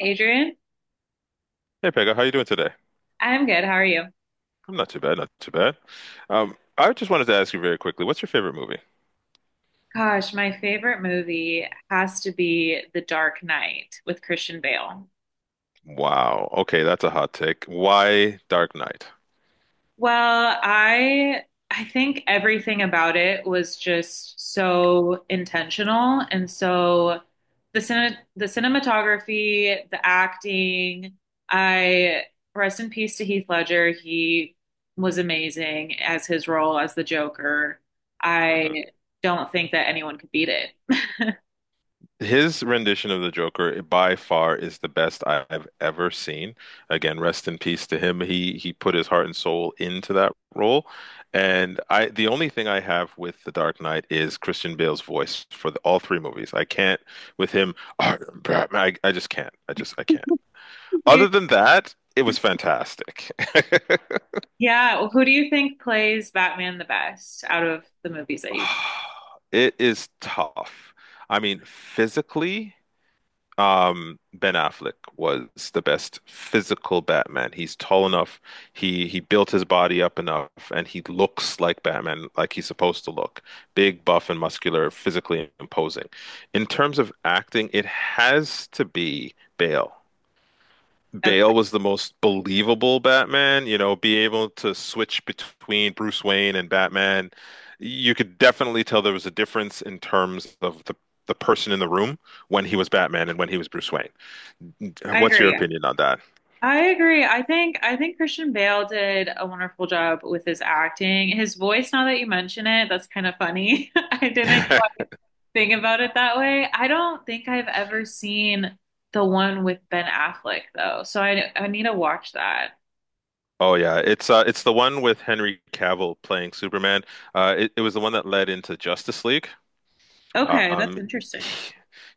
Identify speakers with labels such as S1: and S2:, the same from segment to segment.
S1: Adrian,
S2: Hey Pega, how you doing today?
S1: I'm good. How are you?
S2: I'm not too bad, not too bad. I just wanted to ask you very quickly, what's your favorite movie?
S1: Gosh, my favorite movie has to be The Dark Knight with Christian Bale.
S2: Wow. Okay, that's a hot take. Why Dark Knight?
S1: Well, I think everything about it was just so intentional and so the cinematography, the acting, I rest in peace to Heath Ledger. He was amazing as his role as the Joker.
S2: Mhm.
S1: I don't think that anyone could beat it.
S2: His rendition of the Joker by far is the best have ever seen. Again, rest in peace to him. He put his heart and soul into that role. And I the only thing I have with The Dark Knight is Christian Bale's voice for the, all 3 movies. I can't with him, "I Batman." I just can't. I just I can't. Other than that, it was fantastic.
S1: Yeah, well, who do you think plays Batman the best out of the movies that you've?
S2: It is tough. I mean, physically Ben Affleck was the best physical Batman. He's tall enough. He built his body up enough, and he looks like Batman, like he's supposed to look. Big, buff, and muscular, physically imposing. In terms of acting, it has to be Bale. Bale
S1: Okay,
S2: was the most believable Batman, you know, be able to switch between Bruce Wayne and Batman. You could definitely tell there was a difference in terms of the person in the room when he was Batman and when he was Bruce Wayne.
S1: I
S2: What's your
S1: agree.
S2: opinion on that?
S1: I agree. I think Christian Bale did a wonderful job with his acting. His voice, now that you mention it, that's kind of funny. I didn't quite think about it that way. I don't think I've ever seen the one with Ben Affleck though, so I need to watch that.
S2: Oh yeah, it's the one with Henry Cavill playing Superman. It was the one that led into Justice League.
S1: Okay, that's
S2: Um, he,
S1: interesting.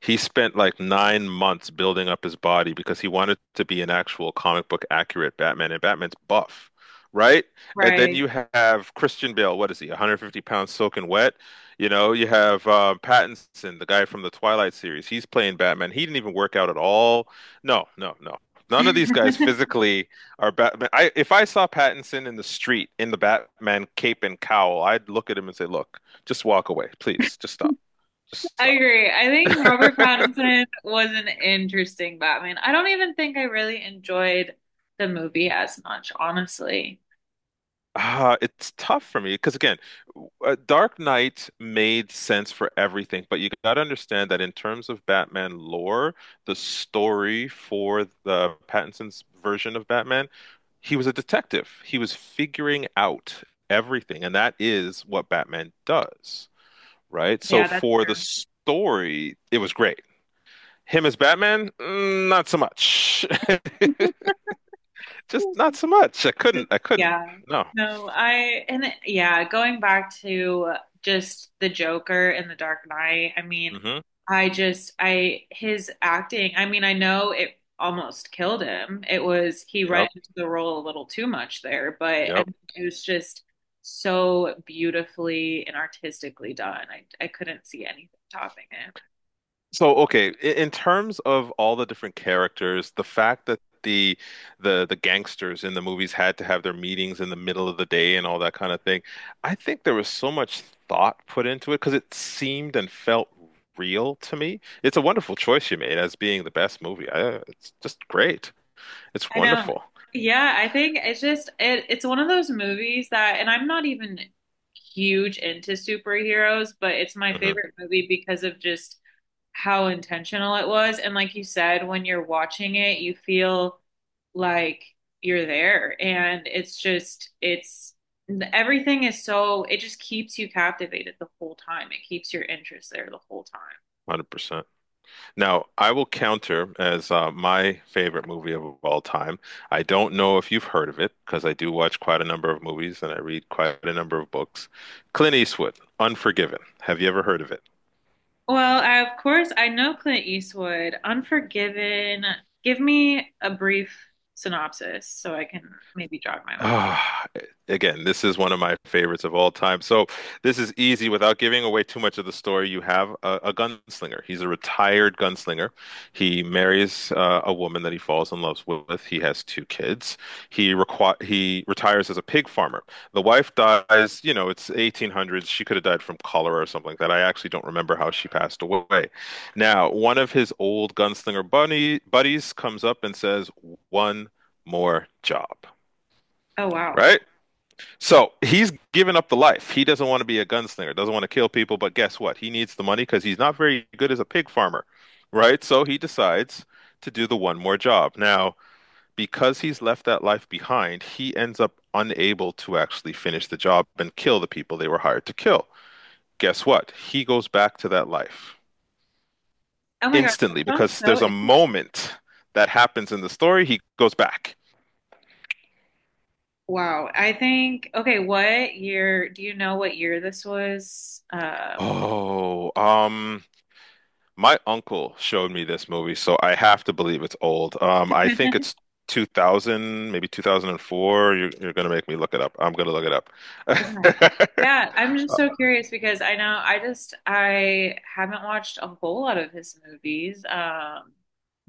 S2: he spent like 9 months building up his body because he wanted to be an actual comic book accurate Batman, and Batman's buff, right? And then
S1: Right.
S2: you have Christian Bale. What is he? 150 pounds soaking wet. You know, you have Pattinson, the guy from the Twilight series. He's playing Batman. He didn't even work out at all. No, no, no. None of these guys physically are Batman. I, if I saw Pattinson in the street in the Batman cape and cowl, I'd look at him and say, "Look, just walk away, please. Just stop."
S1: I
S2: Stop.
S1: agree. I think Robert Pattinson was an interesting Batman. I don't even think I really enjoyed the movie as much, honestly.
S2: It's tough for me because again, Dark Knight made sense for everything, but you got to understand that in terms of Batman lore, the story for the Pattinson's version of Batman, he was a detective. He was figuring out everything, and that is what Batman does, right? So
S1: Yeah, that's
S2: for the
S1: true.
S2: story, it was great. Him as Batman, mm, not so much. Just not so much. I couldn't. I couldn't.
S1: Yeah.
S2: No.
S1: No, I and it- yeah, going back to just the Joker in The Dark Knight, I mean,
S2: Hmm.
S1: I just I his acting, I mean, I know it almost killed him. It was he
S2: Yep.
S1: went into the role a little too much there, but I
S2: Yep.
S1: mean, it was just so beautifully and artistically done. I couldn't see anything topping it.
S2: So okay, in terms of all the different characters, the fact that the gangsters in the movies had to have their meetings in the middle of the day and all that kind of thing, I think there was so much thought put into it because it seemed and felt real to me. It's a wonderful choice you made as being the best movie. I, it's just great. It's
S1: I know.
S2: wonderful.
S1: Yeah, I think it's one of those movies that, and I'm not even huge into superheroes, but it's my
S2: Hmm.
S1: favorite movie because of just how intentional it was. And like you said, when you're watching it, you feel like you're there. And it's just it's everything is so, it just keeps you captivated the whole time. It keeps your interest there the whole time.
S2: Now, I will counter as my favorite movie of all time. I don't know if you've heard of it because I do watch quite a number of movies and I read quite a number of books. Clint Eastwood, Unforgiven. Have you ever heard of it?
S1: Well, I, of course, I know Clint Eastwood. Unforgiven. Give me a brief synopsis so I can maybe jog my memory.
S2: Ah, again, this is one of my favorites of all time. So this is easy without giving away too much of the story. You have a gunslinger. He's a retired gunslinger. He marries a woman that he falls in love with. He has 2 kids. He retires as a pig farmer. The wife dies, you know, it's 1800s. She could have died from cholera or something like that. I actually don't remember how she passed away. Now, one of his old gunslinger bunny buddies comes up and says, "One more job."
S1: Oh, wow.
S2: Right? So he's given up the life. He doesn't want to be a gunslinger, doesn't want to kill people, but guess what? He needs the money because he's not very good as a pig farmer, right? So he decides to do the one more job. Now, because he's left that life behind, he ends up unable to actually finish the job and kill the people they were hired to kill. Guess what? He goes back to that life
S1: Oh my God.
S2: instantly
S1: That sounds
S2: because
S1: so
S2: there's a
S1: interesting.
S2: moment that happens in the story. He goes back.
S1: Wow. I think, okay, what year? Do you know what year this was?
S2: Oh, my uncle showed me this movie, so I have to believe it's old. I think it's 2000, maybe 2004. You're gonna make me look it up. I'm gonna look it up.
S1: Okay. Yeah, I'm just so curious because I know I just I haven't watched a whole lot of his movies.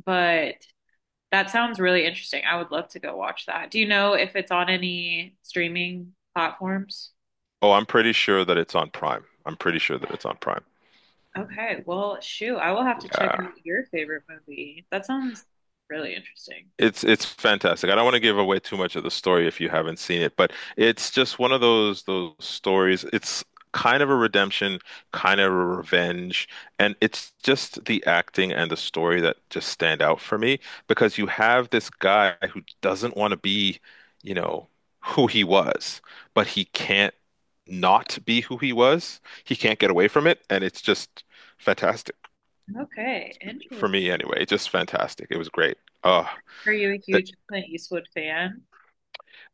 S1: But that sounds really interesting. I would love to go watch that. Do you know if it's on any streaming platforms?
S2: Oh, I'm pretty sure that it's on Prime. I'm pretty sure that it's on Prime.
S1: Okay, well, shoot, I will have to check out
S2: Yeah.
S1: your favorite movie. That sounds really interesting.
S2: It's fantastic. I don't want to give away too much of the story if you haven't seen it, but it's just one of those stories. It's kind of a redemption, kind of a revenge, and it's just the acting and the story that just stand out for me because you have this guy who doesn't want to be, you know, who he was, but he can't not be who he was. He can't get away from it, and it's just fantastic
S1: Okay, interesting.
S2: for me anyway. Just fantastic. It was great. Oh.
S1: Are you a huge Clint Eastwood fan?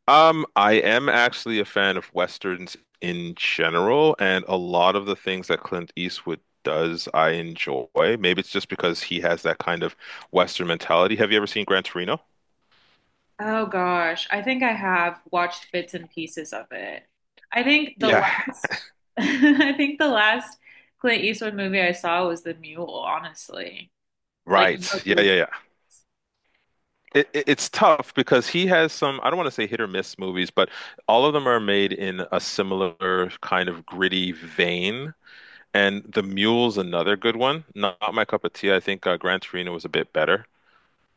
S2: I am actually a fan of westerns in general, and a lot of the things that Clint Eastwood does, I enjoy. Maybe it's just because he has that kind of western mentality. Have you ever seen Gran Torino?
S1: Oh gosh, I think I have watched bits and pieces of it. I think the
S2: Yeah.
S1: last, I think the last Clint Eastwood movie I saw was The Mule, honestly. Like the
S2: Right.
S1: most
S2: Yeah, yeah,
S1: recent.
S2: yeah. It's tough because he has some, I don't want to say hit or miss movies, but all of them are made in a similar kind of gritty vein. And The Mule's another good one. Not, not my cup of tea. I think Gran Torino was a bit better.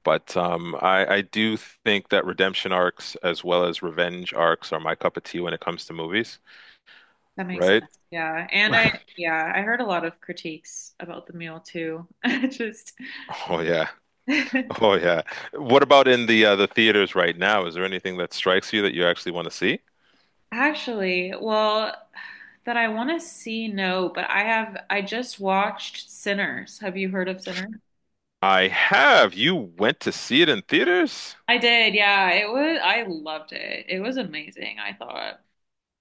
S2: I do think that redemption arcs as well as revenge arcs are my cup of tea when it comes to movies,
S1: That makes sense.
S2: right?
S1: Yeah. And I, yeah, I heard a lot of critiques about the meal too. Just
S2: Oh yeah. Oh yeah. What about in the theaters right now? Is there anything that strikes you that you actually want to see?
S1: actually, well, that I want to see, no, but I have, I just watched Sinners. Have you heard of Sinners?
S2: I have. You went to see it in theaters?
S1: I did. Yeah. It was, I loved it. It was amazing, I thought.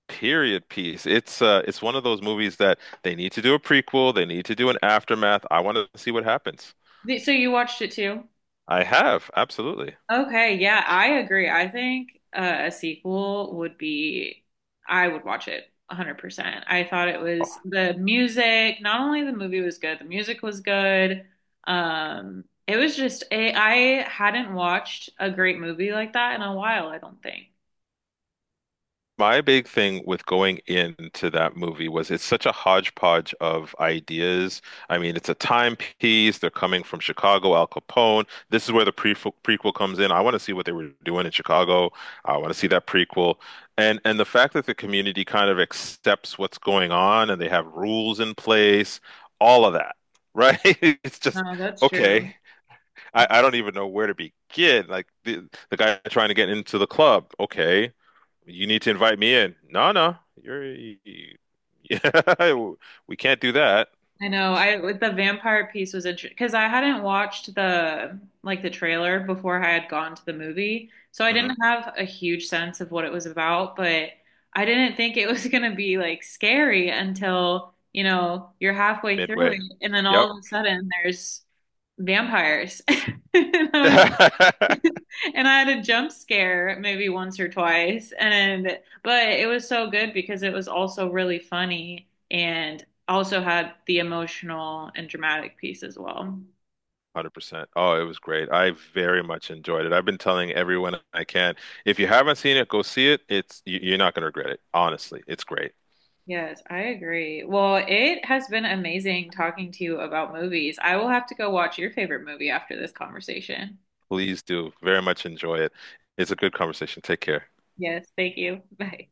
S2: Period piece. It's one of those movies that they need to do a prequel, they need to do an aftermath. I want to see what happens.
S1: The- So you watched it too?
S2: I have, absolutely.
S1: Okay, yeah, I agree. I think a sequel would be, I would watch it 100%. I thought it was the music. Not only the movie was good, the music was good. It was just, it, I hadn't watched a great movie like that in a while, I don't think.
S2: My big thing with going into that movie was it's such a hodgepodge of ideas. I mean, it's a timepiece. They're coming from Chicago, Al Capone. This is where the prequel comes in. I want to see what they were doing in Chicago. I want to see that prequel. And the fact that the community kind of accepts what's going on and they have rules in place, all of that, right? It's just
S1: No, that's
S2: okay.
S1: true.
S2: I don't even know where to begin. Like the guy trying to get into the club, okay. You need to invite me in. No, no, you're yeah, we can't do that.
S1: I know. I with the vampire piece was interesting because I hadn't watched the like the trailer before I had gone to the movie, so I
S2: Hmm.
S1: didn't have a huge sense of what it was about. But I didn't think it was gonna be like scary until, you know, you're halfway through
S2: Midway.
S1: it, and then
S2: Yep.
S1: all of a sudden there's vampires. And I was,
S2: 100%.
S1: and I had a jump scare maybe once or twice. And but it was so good because it was also really funny and also had the emotional and dramatic piece as well.
S2: Oh, it was great. I very much enjoyed it. I've been telling everyone I can. If you haven't seen it, go see it. You're not going to regret it. Honestly, it's great.
S1: Yes, I agree. Well, it has been amazing talking to you about movies. I will have to go watch your favorite movie after this conversation.
S2: Please do. Very much enjoy it. It's a good conversation. Take care.
S1: Yes, thank you. Bye.